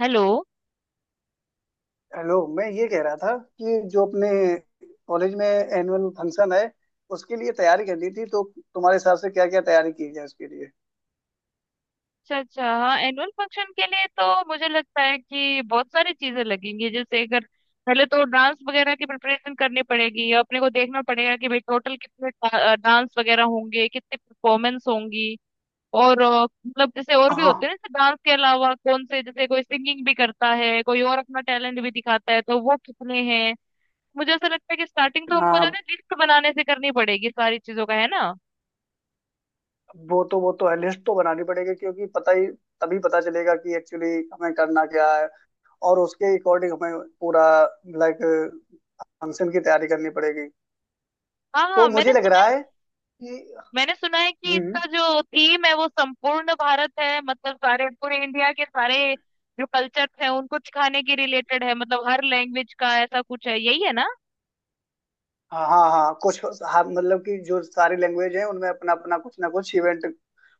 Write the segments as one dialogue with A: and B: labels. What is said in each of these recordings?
A: Hello.
B: Hello. मैं ये कह रहा था कि जो अपने कॉलेज में एनुअल फंक्शन है, उसके लिए तैयारी करनी थी। तो तुम्हारे हिसाब से क्या क्या तैयारी की जाए उसके लिए?
A: अच्छा अच्छा, हाँ एनुअल फंक्शन के लिए तो मुझे लगता है कि बहुत सारी चीजें लगेंगी। जैसे अगर पहले तो डांस वगैरह की प्रिपरेशन करनी पड़ेगी, अपने को देखना पड़ेगा कि भाई टोटल कितने डांस वगैरह होंगे, कितने परफॉर्मेंस होंगी। और मतलब जैसे और भी
B: हाँ
A: होते हैं ना, जैसे डांस के अलावा कौन से, जैसे कोई सिंगिंग भी करता है, कोई और अपना टैलेंट भी दिखाता है, तो वो कितने हैं। मुझे ऐसा लगता है कि स्टार्टिंग तो हमको जो है
B: हाँ।
A: लिस्ट बनाने से करनी पड़ेगी सारी चीजों का, है ना।
B: वो तो है, लिस्ट तो बनानी पड़ेगी, क्योंकि पता ही तभी पता चलेगा कि एक्चुअली हमें करना क्या है। और उसके अकॉर्डिंग हमें पूरा लाइक फंक्शन की तैयारी करनी पड़ेगी।
A: हाँ
B: तो
A: हाँ, मैंने
B: मुझे लग
A: सुना।
B: रहा है कि।
A: मैंने सुना है कि
B: हम्म।
A: इसका जो थीम है वो संपूर्ण भारत है, मतलब सारे पूरे इंडिया के सारे जो कल्चर्स हैं उनको सिखाने के रिलेटेड है, मतलब हर लैंग्वेज का ऐसा कुछ है, यही है ना।
B: हाँ हाँ हाँ, कुछ हाँ, मतलब कि जो सारी लैंग्वेज है, उनमें अपना अपना कुछ ना कुछ इवेंट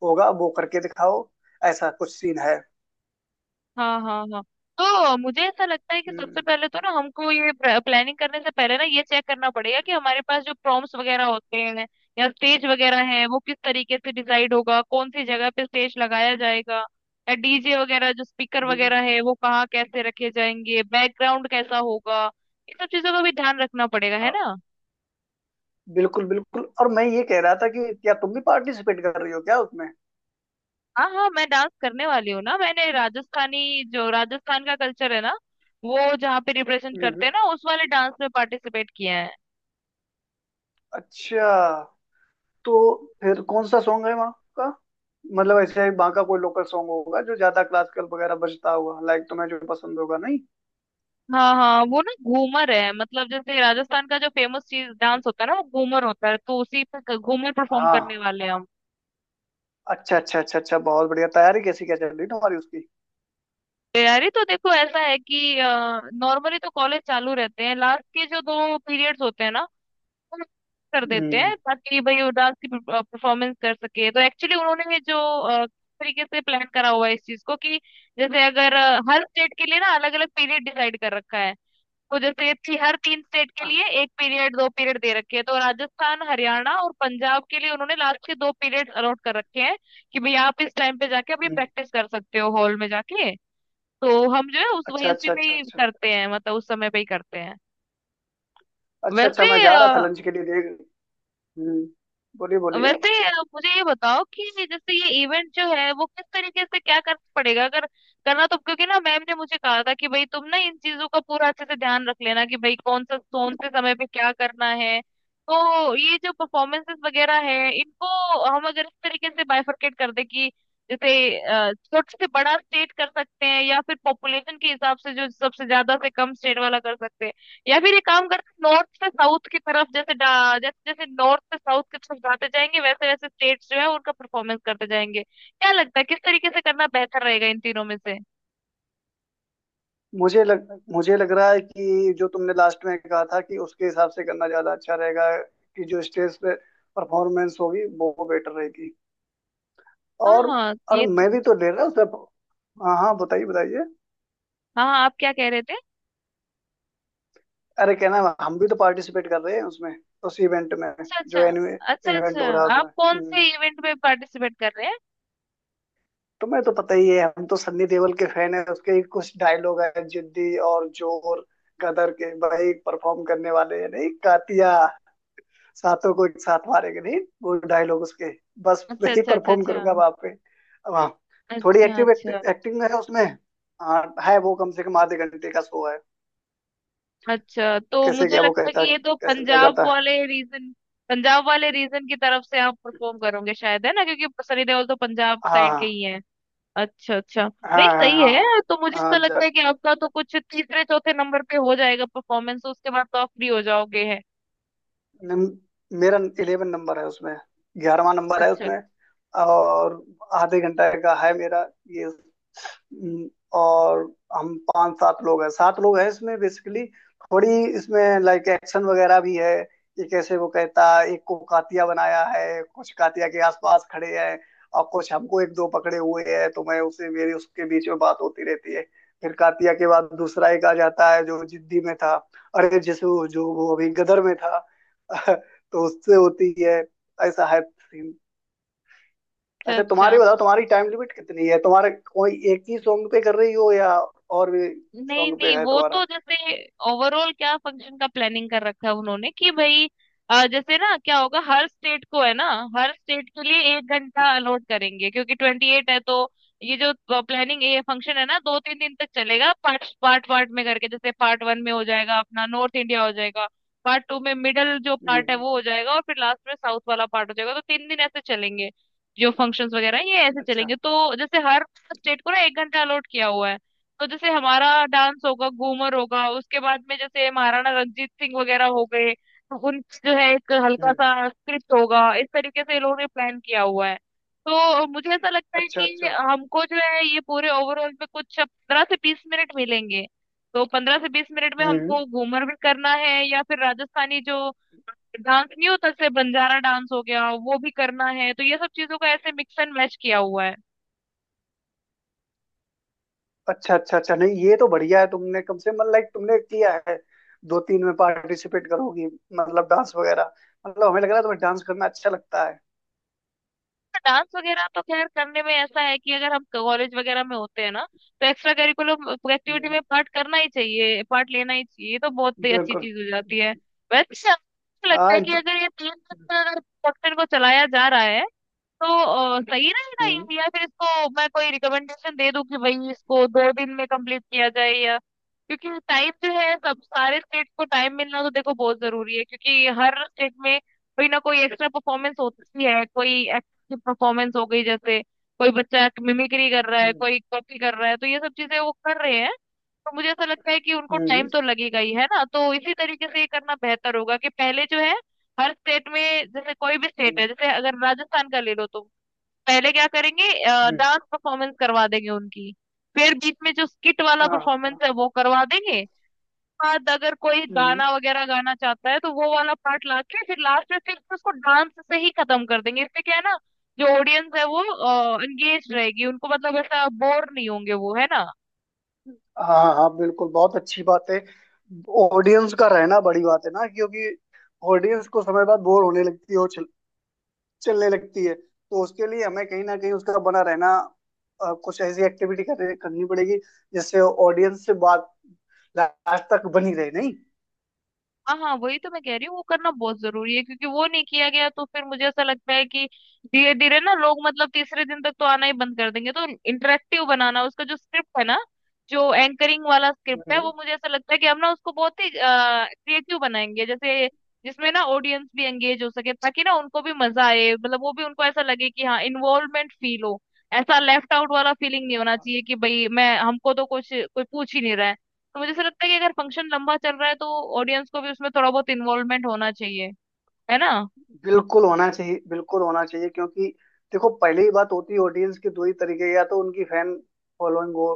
B: होगा, वो करके दिखाओ। ऐसा कुछ सीन है।
A: हाँ हाँ हाँ। तो मुझे ऐसा लगता है कि सबसे
B: हम्म।
A: पहले तो ना हमको ये प्लानिंग करने से पहले ना ये चेक करना पड़ेगा कि हमारे पास जो प्रॉम्प्ट्स वगैरह होते हैं या स्टेज वगैरह है वो किस तरीके से डिसाइड होगा, कौन सी जगह पे स्टेज लगाया जाएगा, या डीजे वगैरह जो स्पीकर
B: हम्म।
A: वगैरह है वो कहाँ कैसे रखे जाएंगे, बैकग्राउंड कैसा होगा। ये सब चीजों का भी ध्यान रखना पड़ेगा, है
B: हाँ,
A: ना।
B: बिल्कुल बिल्कुल। और मैं ये कह रहा था कि क्या तुम भी पार्टिसिपेट कर रही हो क्या उसमें?
A: हाँ हाँ, मैं डांस करने वाली हूँ ना। मैंने राजस्थानी जो राजस्थान का कल्चर है ना, वो जहाँ पे रिप्रेजेंट
B: हम्म।
A: करते हैं ना, उस वाले डांस में पार्टिसिपेट किया है।
B: अच्छा, तो फिर कौन सा सॉन्ग है वहाँ का? मतलब ऐसे ही वहाँ का कोई लोकल सॉन्ग होगा जो ज्यादा क्लासिकल वगैरह बजता हुआ, लाइक, तुम्हें जो पसंद होगा? नहीं,
A: हाँ हाँ, वो ना घूमर है। मतलब जैसे राजस्थान का जो फेमस चीज डांस होता है ना वो घूमर होता है, तो उसी पे घूमर परफॉर्म करने
B: हाँ।
A: वाले हैं हम।
B: अच्छा अच्छा अच्छा अच्छा, बहुत बढ़िया। तैयारी कैसी क्या चल रही तुम्हारी उसकी?
A: तैयारी तो देखो ऐसा है कि नॉर्मली तो कॉलेज चालू रहते हैं, लास्ट के जो 2 पीरियड्स होते हैं ना वो हम कर देते
B: हम्म।
A: हैं ताकि भाई वो डांस की परफॉर्मेंस कर सके। तो एक्चुअली उन्होंने ये जो तरीके से प्लान करा हुआ है इस चीज को, कि जैसे अगर हर स्टेट के लिए ना अलग अलग पीरियड डिसाइड कर रखा है। तो जैसे थी हर 3 स्टेट के
B: हाँ।
A: लिए 1 पीरियड 2 पीरियड दे रखे हैं, तो राजस्थान हरियाणा और पंजाब के लिए उन्होंने लास्ट के 2 पीरियड अलॉट कर रखे हैं कि भाई आप इस टाइम पे जाके अपनी
B: हम्म।
A: प्रैक्टिस कर सकते हो हॉल में जाके। तो हम जो है उस
B: अच्छा
A: वही उसी
B: अच्छा
A: में
B: अच्छा
A: ही
B: अच्छा।
A: करते हैं, मतलब उस समय पे ही करते हैं।
B: अच्छा अच्छा,
A: वैसे
B: मैं जा रहा था
A: अ,
B: लंच के लिए देख। हम्म। बोलिए बोलिए।
A: वैसे मुझे ये बताओ कि जैसे ये इवेंट जो है वो किस तरीके से क्या करना पड़ेगा अगर करना। तो क्योंकि ना मैम ने मुझे कहा था कि भाई तुम ना इन चीजों का पूरा अच्छे से ध्यान रख लेना कि भाई कौन सा कौन से समय पे क्या करना है। तो ये जो परफॉर्मेंसेस वगैरह है इनको हम अगर इस तरीके से बाइफरकेट कर दे कि जैसे छोटे से बड़ा स्टेट कर सकते हैं, या फिर पॉपुलेशन के हिसाब से जो सबसे ज्यादा से कम स्टेट वाला कर सकते हैं, या फिर ये काम करते नॉर्थ से साउथ की तरफ, जैसे जैसे जैसे नॉर्थ से साउथ की तरफ जाते जाएंगे वैसे वैसे स्टेट्स जो है उनका परफॉर्मेंस करते जाएंगे। क्या लगता है किस तरीके से करना बेहतर रहेगा इन तीनों में से।
B: मुझे लग रहा है कि जो तुमने लास्ट में कहा था, कि उसके हिसाब से करना ज्यादा अच्छा रहेगा। कि जो स्टेज पे परफॉर्मेंस होगी वो बेटर रहेगी।
A: हाँ
B: और
A: हाँ,
B: और
A: ये तो-।
B: मैं भी तो ले रहा हूँ सब। हाँ हाँ, बताइए बताइए।
A: हाँ हाँ, आप क्या कह रहे थे।
B: अरे कहना, हम भी तो पार्टिसिपेट कर रहे हैं उसमें, उस इवेंट में,
A: अच्छा
B: जो
A: अच्छा अच्छा
B: एनुअल
A: अच्छा।
B: इवेंट हो रहा है
A: आप
B: उसमें।
A: कौन
B: हम्म।
A: से इवेंट में पार्टिसिपेट कर रहे हैं।
B: तुम्हें तो पता ही है, हम तो सन्नी देओल के फैन है। उसके कुछ डायलॉग है, जिद्दी और जोर गदर के, भाई परफॉर्म करने वाले हैं। नहीं, कातिया सातों को एक साथ मारेंगे, नहीं, वो डायलॉग उसके, बस
A: अच्छा
B: वही
A: अच्छा अच्छा
B: परफॉर्म
A: अच्छा।
B: करूंगा वहां पे। अब हाँ। थोड़ी
A: अच्छा
B: एक्टिव
A: अच्छा
B: एक्टिंग है उसमें। हाँ है, वो कम से कम आधे घंटे का शो है।
A: अच्छा। तो
B: कैसे
A: मुझे
B: क्या वो
A: लगता है कि
B: कहता,
A: ये तो
B: कैसे क्या
A: पंजाब
B: करता।
A: वाले रीजन, पंजाब वाले रीजन की तरफ से आप परफॉर्म करोगे शायद, है ना, क्योंकि सनी देओल तो पंजाब साइड के
B: हाँ
A: ही है। अच्छा अच्छा।
B: हाँ
A: नहीं,
B: हाँ,
A: सही
B: हाँ
A: है। तो मुझे
B: हाँ
A: तो लगता
B: हाँ,
A: है कि आपका तो कुछ तीसरे चौथे नंबर पे हो जाएगा परफॉर्मेंस, उसके बाद तो आप फ्री हो जाओगे, है।
B: नम, मेरा 11 नंबर है उसमें, 11वां नंबर है
A: अच्छा
B: उसमें। और आधे घंटा का है मेरा ये। और हम पांच सात लोग हैं, सात लोग हैं इसमें बेसिकली। थोड़ी इसमें लाइक एक्शन वगैरह भी है, कि कैसे वो कहता है, एक को कातिया बनाया है, कुछ कातिया के आसपास खड़े हैं और कुछ हमको एक दो पकड़े हुए हैं, तो मैं उसे मेरी उसके बीच में बात होती रहती है। फिर कातिया के बाद दूसरा एक आ जाता है जो जिद्दी में था, अरे जिस, जो वो अभी गदर में था तो उससे होती है। ऐसा है सीन।
A: अच्छा
B: अच्छा
A: अच्छा।
B: तुम्हारी बताओ, तुम्हारी टाइम लिमिट कितनी है तुम्हारे? कोई एक ही सॉन्ग पे कर रही हो या और भी
A: नहीं
B: सॉन्ग पे
A: नहीं,
B: है
A: वो
B: तुम्हारा?
A: तो जैसे ओवरऑल क्या फंक्शन का प्लानिंग कर रखा है उन्होंने कि भाई जैसे ना क्या होगा, हर स्टेट को है ना, हर स्टेट के लिए 1 घंटा अलॉट करेंगे क्योंकि 28 है तो। ये जो प्लानिंग ये फंक्शन है ना 2 3 दिन तक चलेगा, पार्ट पार्ट पार्ट में करके, जैसे पार्ट वन में हो जाएगा अपना नॉर्थ इंडिया हो जाएगा, पार्ट टू में मिडल जो पार्ट है
B: हम्म।
A: वो हो जाएगा, और फिर लास्ट में साउथ वाला पार्ट हो जाएगा, तो 3 दिन ऐसे चलेंगे। जो फंक्शंस वगैरह हैं, ये ऐसे
B: अच्छा।
A: चलेंगे। तो जैसे हर स्टेट को ना 1 घंटा अलॉट किया हुआ है। तो जैसे हमारा डांस होगा, घूमर होगा, उसके बाद में जैसे महाराणा रंजीत सिंह वगैरह हो गए तो उन जो है एक हल्का
B: हम्म।
A: सा स्क्रिप्ट होगा, इस तरीके से ये लोगों ने प्लान किया हुआ है। तो मुझे ऐसा लगता है
B: अच्छा
A: कि
B: अच्छा।
A: हमको जो है ये पूरे ओवरऑल में कुछ 15 से 20 मिनट मिलेंगे। तो 15 से 20 मिनट में
B: हम्म।
A: हमको घूमर भी करना है या फिर राजस्थानी जो डांस नहीं होता, जैसे बंजारा डांस हो गया, वो भी करना है, तो ये सब चीजों का ऐसे मिक्स एंड मैच किया हुआ है।
B: अच्छा अच्छा अच्छा, नहीं ये तो बढ़िया है। तुमने कम से मतलब लाइक तुमने किया है, दो तीन में पार्टिसिपेट करोगी, मतलब डांस वगैरह। मतलब हमें लग रहा है तुम्हें डांस करना अच्छा लगता है।
A: डांस वगैरह तो खैर करने में ऐसा है कि अगर हम कॉलेज वगैरह में होते हैं ना तो एक्स्ट्रा करिकुलम एक्टिविटी
B: हम्म।
A: में पार्ट करना ही चाहिए, पार्ट लेना ही चाहिए, ये तो बहुत ही अच्छी
B: बिल्कुल।
A: चीज हो जाती है। वैसे मुझे लगता
B: हाँ,
A: है कि
B: इंट-।
A: अगर ये 3 दिन का अगर प्रोडक्शन को चलाया जा रहा है तो सही रहेगा
B: हम्म।
A: ये? या फिर इसको मैं कोई रिकमेंडेशन दे दूं कि भाई इसको 2 दिन में कंप्लीट किया जाए या। क्योंकि टाइम जो है, सब सारे स्टेट को टाइम मिलना तो देखो बहुत जरूरी है क्योंकि हर स्टेट में कोई ना कोई एक्स्ट्रा परफॉर्मेंस होती है, कोई एक्टिव परफॉर्मेंस हो गई, जैसे कोई बच्चा मिमिक्री कर रहा है,
B: हम्म।
A: कोई कॉपी कर रहा है, तो ये सब चीजें वो कर रहे हैं। तो मुझे ऐसा लगता है कि उनको टाइम
B: हम्म।
A: तो लगेगा ही है ना, तो इसी तरीके से ये करना बेहतर होगा कि पहले जो है हर स्टेट में, जैसे कोई भी स्टेट
B: हम्म।
A: है, जैसे अगर राजस्थान का ले लो तो पहले क्या करेंगे,
B: हम्म,
A: डांस परफॉर्मेंस करवा देंगे उनकी, फिर बीच में जो स्किट वाला
B: हाँ
A: परफॉर्मेंस
B: हाँ,
A: है वो करवा देंगे, बाद अगर कोई
B: हम्म।
A: गाना वगैरह गाना चाहता है तो वो वाला पार्ट लाके फिर लास्ट में फिर उसको डांस से ही खत्म कर देंगे। इससे क्या है ना जो ऑडियंस है वो एंगेज रहेगी, उनको मतलब ऐसा बोर नहीं होंगे वो, है ना।
B: हाँ हाँ बिल्कुल, बहुत अच्छी बात है। ऑडियंस का रहना बड़ी बात है ना, क्योंकि ऑडियंस को समय बाद बोर होने लगती है और चलने लगती है। तो उसके लिए हमें कहीं ना कहीं उसका बना रहना, कुछ ऐसी एक्टिविटी करनी पड़ेगी, जिससे ऑडियंस से बात लास्ट तक बनी रहे। नहीं।
A: हाँ हाँ, वही तो मैं कह रही हूँ वो करना बहुत जरूरी है क्योंकि वो नहीं किया गया तो फिर मुझे ऐसा लगता है कि धीरे धीरे ना लोग मतलब तीसरे दिन तक तो आना ही बंद कर देंगे। तो इंटरेक्टिव बनाना उसका जो स्क्रिप्ट है ना, जो एंकरिंग वाला स्क्रिप्ट है,
B: हम्म।
A: वो मुझे ऐसा लगता है कि हम ना उसको बहुत ही क्रिएटिव बनाएंगे, जैसे जिसमें ना ऑडियंस भी एंगेज हो सके, ताकि ना उनको भी मजा आए, मतलब वो भी उनको ऐसा लगे कि हाँ इन्वॉल्वमेंट फील हो। ऐसा लेफ्ट आउट वाला फीलिंग नहीं होना चाहिए कि भाई मैं हमको तो कुछ कोई पूछ ही नहीं रहा है। तो मुझे ऐसा लगता है कि अगर फंक्शन लंबा चल रहा है तो ऑडियंस को भी उसमें थोड़ा बहुत इन्वॉल्वमेंट होना चाहिए, है ना।
B: बिल्कुल होना चाहिए, बिल्कुल होना चाहिए, क्योंकि देखो पहले ही बात होती है ऑडियंस के दो ही तरीके, या तो उनकी फैन फॉलोइंग हो।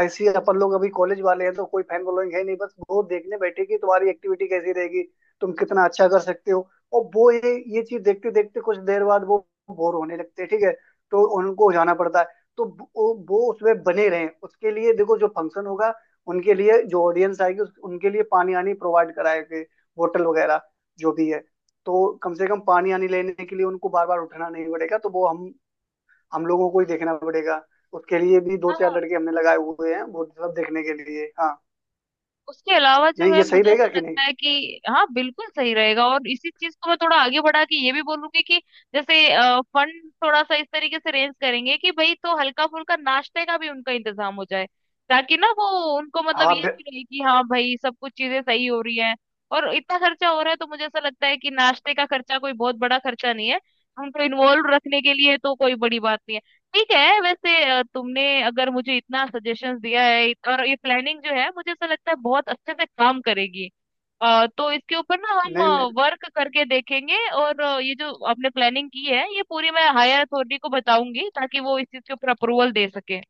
B: ऐसी अपन लोग अभी कॉलेज वाले हैं, तो कोई फैन फॉलोइंग है नहीं, बस वो देखने बैठे कि तुम्हारी एक्टिविटी कैसी रहेगी, तुम कितना अच्छा कर सकते हो। और वो ये चीज देखते देखते कुछ देर बाद वो बोर होने लगते हैं। ठीक है, तो उनको जाना पड़ता है। तो वो उसमें बने रहें उसके लिए, देखो जो फंक्शन होगा, उनके लिए जो ऑडियंस आएगी उस- उनके लिए पानी आनी प्रोवाइड कराएंगे, होटल वगैरह जो भी है। तो कम से कम पानी आने लेने के लिए उनको बार बार उठना नहीं पड़ेगा। तो वो हम लोगों को ही देखना पड़ेगा। उसके लिए भी दो चार
A: हाँ।
B: लड़के हमने लगाए हुए हैं वो सब देखने के लिए। हाँ।
A: उसके अलावा जो
B: नहीं
A: है
B: ये सही
A: मुझे
B: रहेगा
A: ऐसा
B: कि नहीं?
A: लगता है कि हाँ बिल्कुल सही रहेगा, और इसी चीज को मैं थोड़ा आगे बढ़ा के ये भी बोलूंगी कि जैसे फंड थोड़ा सा इस तरीके से रेंज करेंगे कि भाई तो हल्का फुल्का नाश्ते का भी उनका इंतजाम हो जाए ताकि ना वो, उनको मतलब
B: हाँ,
A: ये
B: बि-।
A: भी रहे कि हाँ भाई सब कुछ चीजें सही हो रही है, और इतना खर्चा हो रहा है तो मुझे ऐसा लगता है कि नाश्ते का खर्चा कोई बहुत बड़ा खर्चा नहीं है उनको इन्वॉल्व रखने के लिए, तो कोई बड़ी बात नहीं है। ठीक है। वैसे तुमने अगर मुझे इतना सजेशंस दिया है और ये प्लानिंग जो है मुझे ऐसा लगता है बहुत अच्छे से काम करेगी। तो इसके ऊपर ना
B: नहीं नहीं,
A: हम वर्क करके देखेंगे, और ये जो आपने प्लानिंग की है ये पूरी मैं हायर अथॉरिटी को बताऊंगी ताकि वो इस चीज के ऊपर अप्रूवल दे सके।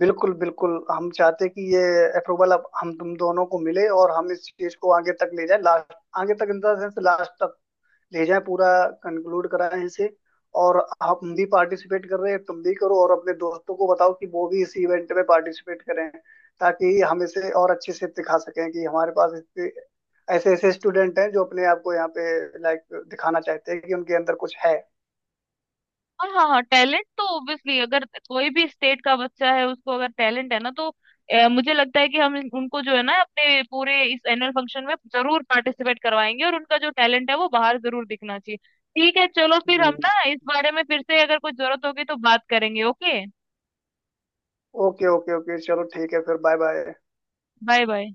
B: बिल्कुल बिल्कुल, हम चाहते कि ये अप्रूवल अब हम तुम दोनों को मिले और हम इस चीज को आगे तक ले जाए, लास्ट आगे तक, इन द सेंस लास्ट तक भेजा है, पूरा कंक्लूड करा है इसे। और आप हम भी पार्टिसिपेट कर रहे हैं, तुम भी करो और अपने दोस्तों को बताओ कि वो भी इस इवेंट में पार्टिसिपेट करें, ताकि हम इसे और अच्छे से दिखा सकें कि हमारे पास इससे ऐसे ऐसे स्टूडेंट हैं जो अपने आप को यहाँ पे लाइक दिखाना चाहते हैं कि उनके अंदर कुछ है।
A: और हाँ हाँ, टैलेंट तो ऑब्वियसली, अगर कोई भी स्टेट का बच्चा है उसको अगर टैलेंट है ना तो मुझे लगता है कि हम उनको जो है ना अपने पूरे इस एनुअल फंक्शन में जरूर पार्टिसिपेट करवाएंगे और उनका जो टैलेंट है वो बाहर जरूर दिखना चाहिए। ठीक है, चलो फिर हम
B: हम्म।
A: ना इस बारे में फिर से अगर कोई जरूरत होगी तो बात करेंगे, ओके।
B: ओके ओके ओके, चलो ठीक है फिर, बाय बाय।
A: Bye bye.